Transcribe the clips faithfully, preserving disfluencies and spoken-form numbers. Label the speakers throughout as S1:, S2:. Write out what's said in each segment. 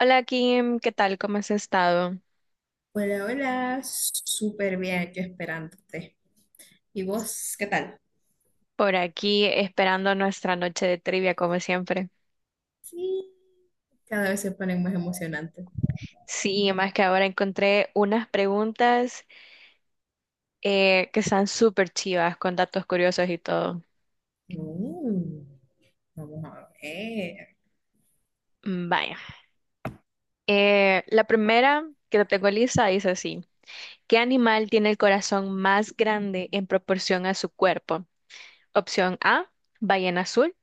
S1: Hola Kim, ¿qué tal? ¿Cómo has estado?
S2: Hola, hola, súper bien, yo esperándote. ¿Y vos, qué tal?
S1: Por aquí esperando nuestra noche de trivia como siempre.
S2: Sí, cada vez se ponen más emocionantes.
S1: Sí, más que ahora encontré unas preguntas eh, que están súper chivas con datos curiosos y todo.
S2: Uh, vamos a ver.
S1: Mm, vaya. Eh, la primera que te tengo lista dice así. ¿Qué animal tiene el corazón más grande en proporción a su cuerpo? Opción A, ballena azul.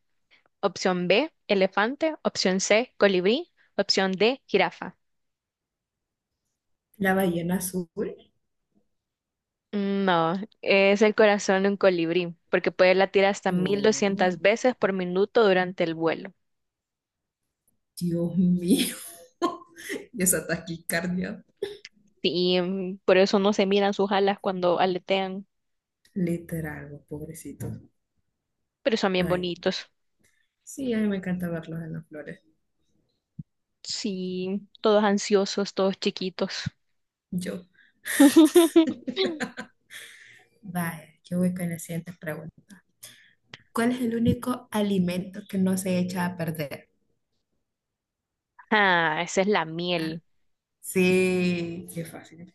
S1: Opción B, elefante. Opción C, colibrí. Opción D, jirafa.
S2: La ballena azul.
S1: Mm, no, es el corazón de un colibrí, porque puede latir hasta mil
S2: Oh,
S1: doscientas veces por minuto durante el vuelo.
S2: Dios mío. Y esa taquicardia.
S1: Y mm, por eso no se miran sus alas cuando aletean,
S2: Literal, vos, pobrecitos.
S1: pero son bien
S2: Ay,
S1: bonitos.
S2: sí, a mí me encanta verlos en las flores.
S1: Sí, todos ansiosos, todos chiquitos.
S2: Yo, vaya, yo voy con la siguiente pregunta. ¿Cuál es el único alimento que no se echa a perder?
S1: Ah, esa es la
S2: Ah,
S1: miel.
S2: sí, qué fácil.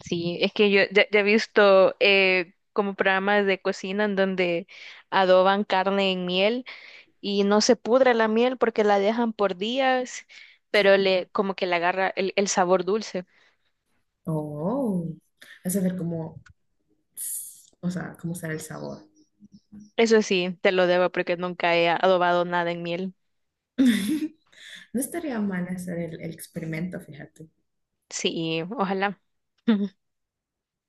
S1: Sí, es que yo ya, ya he visto eh, como programas de cocina en donde adoban carne en miel y no se pudre la miel porque la dejan por días, pero le como que le agarra el, el sabor dulce.
S2: Oh, vas a ver cómo, s- o sea, cómo será el sabor.
S1: Eso sí, te lo debo porque nunca he adobado nada en miel.
S2: No estaría mal hacer el, el experimento, fíjate,
S1: Sí, ojalá.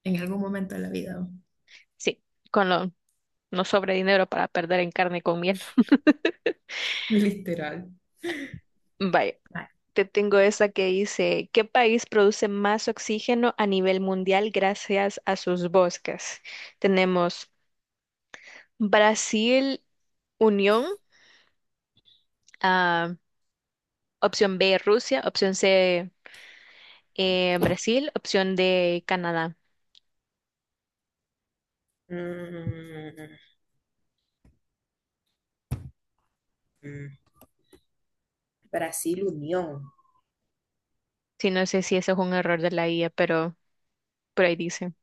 S2: en algún momento de la vida,
S1: Sí, con lo no sobre dinero para perder en carne con miel.
S2: literal.
S1: Vaya,
S2: Ay,
S1: te tengo esa que dice, ¿qué país produce más oxígeno a nivel mundial gracias a sus bosques? Tenemos Brasil, Unión, ah, opción B, Rusia, opción C, eh, Brasil, opción de Canadá.
S2: Mm, mm. Brasil Unión.
S1: Sí, no sé si eso es un error de la I A, pero por ahí dice.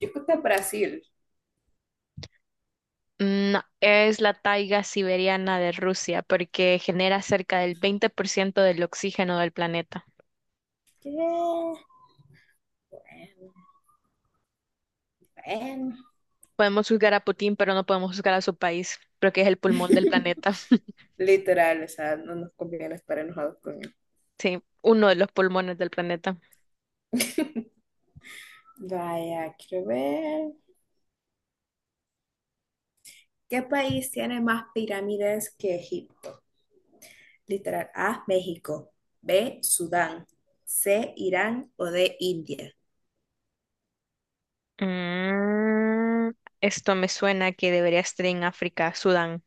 S2: Yo creo que Brasil.
S1: Mm, no, es la taiga siberiana de Rusia porque genera cerca del veinte por ciento del oxígeno del planeta.
S2: ¿Qué? Bueno.
S1: Podemos juzgar a Putin, pero no podemos juzgar a su país, porque es el pulmón del planeta.
S2: Literal, o sea, no nos conviene estar enojados con él.
S1: Sí, uno de los pulmones del planeta.
S2: Vaya, quiero ver. ¿Qué país tiene más pirámides que Egipto? Literal. A, México. B, Sudán. C, Irán o D, India.
S1: Mm, Esto me suena que debería estar en África, Sudán.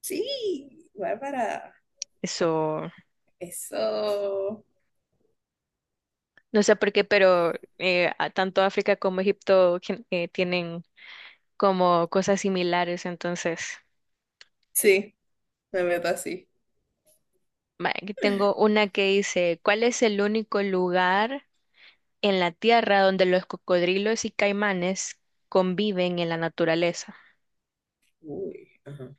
S2: Sí, Bárbara.
S1: Eso,
S2: Eso.
S1: no sé por qué, pero eh, a- tanto África como Egipto gen- eh, tienen como cosas similares. Entonces,
S2: Sí, la verdad sí.
S1: va, aquí tengo una que dice, ¿cuál es el único lugar en la Tierra donde los cocodrilos y caimanes conviven en la naturaleza?
S2: Uy, ajá.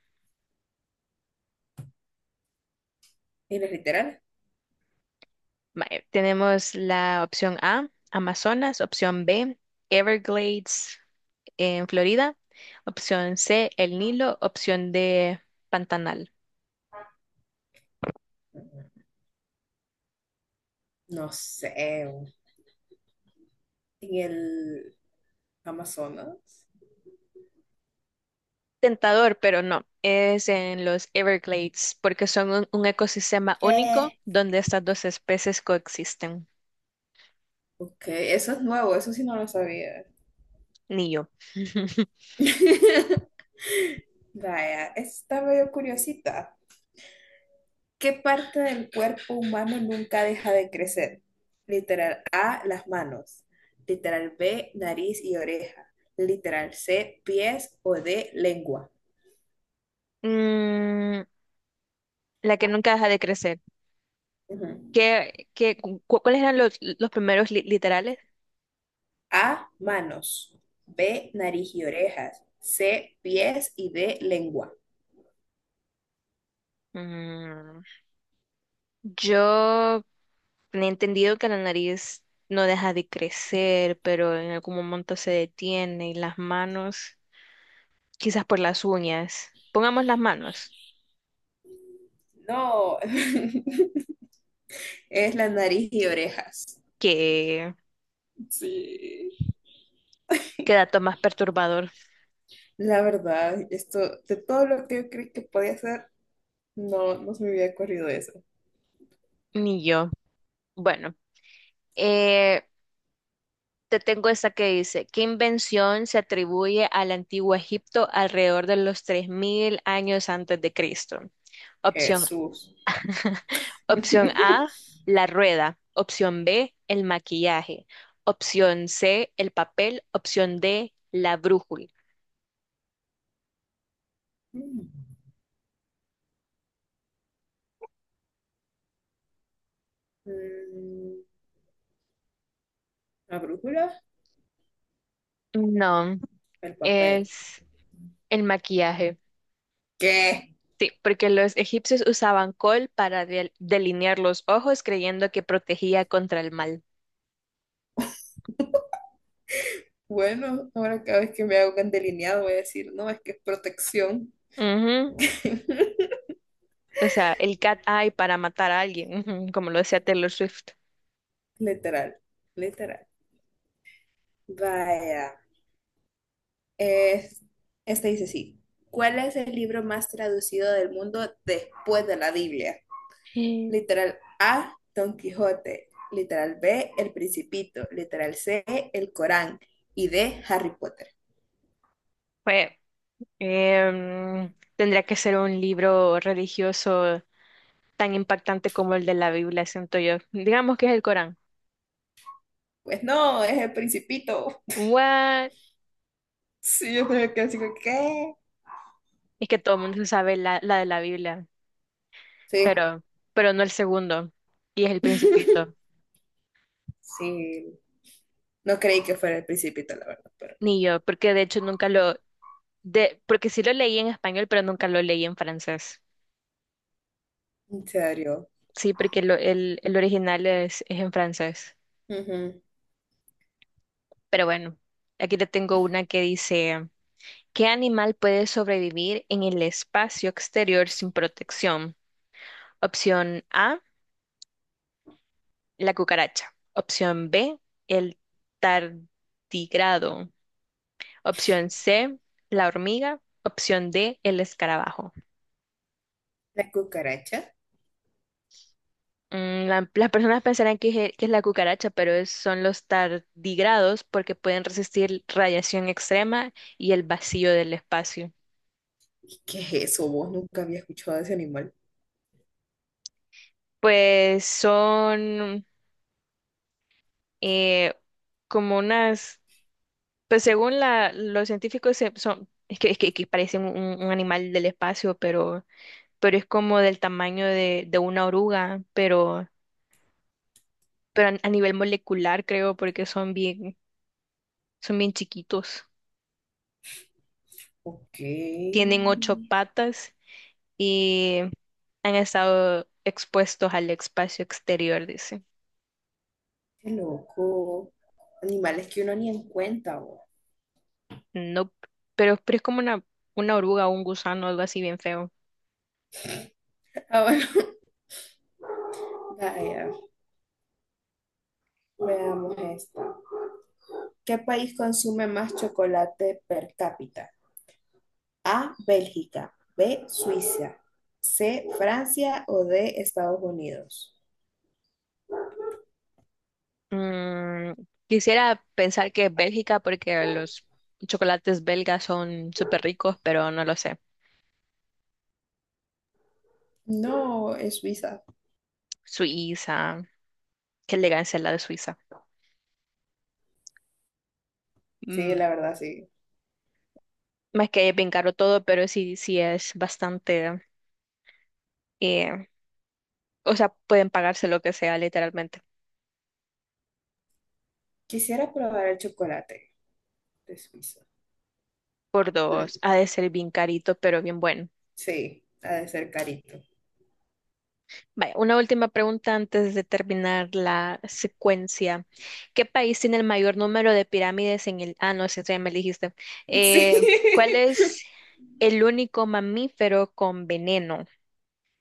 S2: ¿Y los literales?
S1: Va, eh, tenemos la opción A, Amazonas, opción B, Everglades en Florida, opción C, el Nilo, opción D, Pantanal.
S2: No sé. En el Amazonas.
S1: Tentador, pero no. Es en los Everglades, porque son un, un ecosistema único
S2: ¿Qué?
S1: donde estas dos especies coexisten.
S2: Ok, eso es nuevo, eso sí no lo sabía.
S1: Ni yo.
S2: Vaya, está medio curiosita. ¿Qué parte del cuerpo humano nunca deja de crecer? Literal A, las manos. Literal B, nariz y oreja. Literal C, pies o D, lengua.
S1: Mm, la que nunca deja de crecer.
S2: Ujú.
S1: ¿Qué, qué, cu- cuáles eran los, los primeros li- literales?
S2: A, manos. B, nariz y orejas. C, pies y D, lengua.
S1: Mm, yo he entendido que la nariz no deja de crecer, pero en algún momento se detiene y las manos, quizás por las uñas. Pongamos las manos,
S2: No, es la nariz y orejas.
S1: qué
S2: Sí.
S1: qué dato más perturbador.
S2: La verdad, esto, de todo lo que yo creí que podía hacer, no, no se me había ocurrido eso.
S1: Ni yo. Bueno, eh, te tengo esta que dice, ¿qué invención se atribuye al antiguo Egipto alrededor de los tres mil años antes de Cristo? Opción,
S2: Jesús.
S1: Opción A, la rueda. Opción B, el maquillaje. Opción C, el papel. Opción D, la brújula.
S2: Mm, mm, la brújula,
S1: No,
S2: el papel.
S1: es el maquillaje.
S2: ¿Qué?
S1: Sí, porque los egipcios usaban col para del- delinear los ojos creyendo que protegía contra el mal.
S2: Bueno, ahora cada vez que me hago un delineado voy a decir, no, es que es protección.
S1: Ujú. O sea, el cat eye para matar a alguien, ujú, como lo decía Taylor Swift.
S2: Literal, literal. Vaya. Es, este dice sí. ¿Cuál es el libro más traducido del mundo después de la Biblia?
S1: Sí.
S2: Literal A, Don Quijote. Literal B, El Principito. Literal C, El Corán. Y D, Harry Potter.
S1: Fue, em, Tendría que ser un libro religioso tan impactante como el de la Biblia, siento yo. Digamos que es el Corán.
S2: Pues no, es El Principito.
S1: What?
S2: Sí, yo también quedé así como, ¿qué?
S1: Es que todo el mundo se sabe la, la de la Biblia,
S2: Sí.
S1: pero, pero no el segundo, y es el Principito,
S2: Sí. No creí que fuera el Principito, la verdad, pero
S1: ni yo, porque de hecho nunca lo, de, porque sí lo leí en español, pero nunca lo leí en francés.
S2: en serio.
S1: Sí, porque lo- el, el original es, es en francés.
S2: Ujú.
S1: Pero bueno, aquí te tengo una que dice, ¿qué animal puede sobrevivir en el espacio exterior sin protección? Opción A, la cucaracha. Opción B, el tardigrado. Opción C, la hormiga. Opción D, el escarabajo.
S2: La cucaracha.
S1: Mm, la- las personas pensarán que, es que es la cucaracha, pero es- son los tardigrados porque pueden resistir radiación extrema y el vacío del espacio.
S2: ¿Qué, qué es eso? Vos nunca había escuchado de ese animal.
S1: Pues son... eh, como unas, pues según la, los científicos se- son, es que, es que, que parecen un, un animal del espacio, pero, pero es como del tamaño de, de una oruga, pero, pero a, a nivel molecular creo, porque son bien, son bien chiquitos.
S2: Ok.
S1: Tienen ocho
S2: Qué
S1: patas y han estado expuestos al espacio exterior, dice.
S2: loco. Animales que uno ni en cuenta, vos.
S1: No, pero, pero es como una, una oruga o un gusano, algo así bien feo.
S2: Ah, bueno. Vaya, veamos esta. ¿Qué país consume más chocolate per cápita? A, Bélgica. B, Suiza. C, Francia o D, Estados Unidos.
S1: Mm, Quisiera pensar que es Bélgica porque los chocolates belgas son súper ricos, pero no lo sé.
S2: No, es Suiza.
S1: Suiza, qué elegancia la de Suiza.
S2: Sí,
S1: Mm,
S2: la verdad, sí.
S1: Más que es bien caro todo, pero sí, sí es bastante, eh, o sea, pueden pagarse lo que sea literalmente
S2: Quisiera probar el chocolate de Suiza.
S1: por
S2: Hmm,
S1: dos. Ha de ser bien carito, pero bien bueno.
S2: sí, ha de ser carito.
S1: Vaya, una última pregunta antes de terminar la secuencia. ¿Qué país tiene el mayor número de pirámides en el... Ah, no, ese ya me elegiste. Eh,
S2: Sí.
S1: ¿Cuál es el único mamífero con veneno?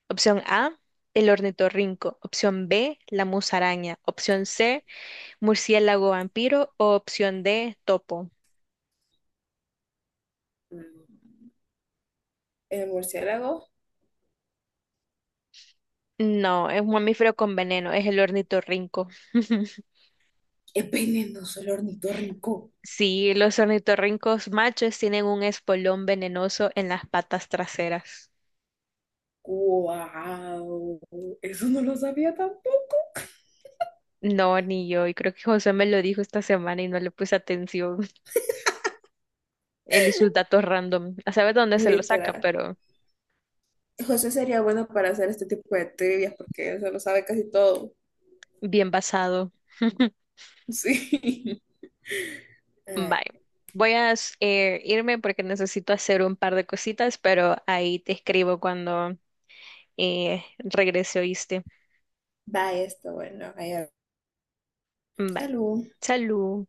S1: Opción A, el ornitorrinco. Opción B, la musaraña. Opción C, murciélago vampiro. O opción D, topo.
S2: Mm, el murciélago
S1: No, es un mamífero con veneno, es el ornitorrinco.
S2: es venenoso, el ornitorrinco.
S1: Sí, los ornitorrincos machos tienen un espolón venenoso en las patas traseras.
S2: ¡Guau! Eso no lo sabía tampoco.
S1: No, ni yo, y creo que José me lo dijo esta semana y no le puse atención. Él y sus datos random. A saber dónde se lo saca,
S2: Literal.
S1: pero
S2: José sería bueno para hacer este tipo de trivias porque él se lo sabe casi todo.
S1: bien basado.
S2: Sí. Ay,
S1: Bye. Voy a eh, irme porque necesito hacer un par de cositas, pero ahí te escribo cuando eh, regrese, ¿oíste?
S2: va esto, bueno. Ahí va.
S1: Bye.
S2: Salud.
S1: Salud.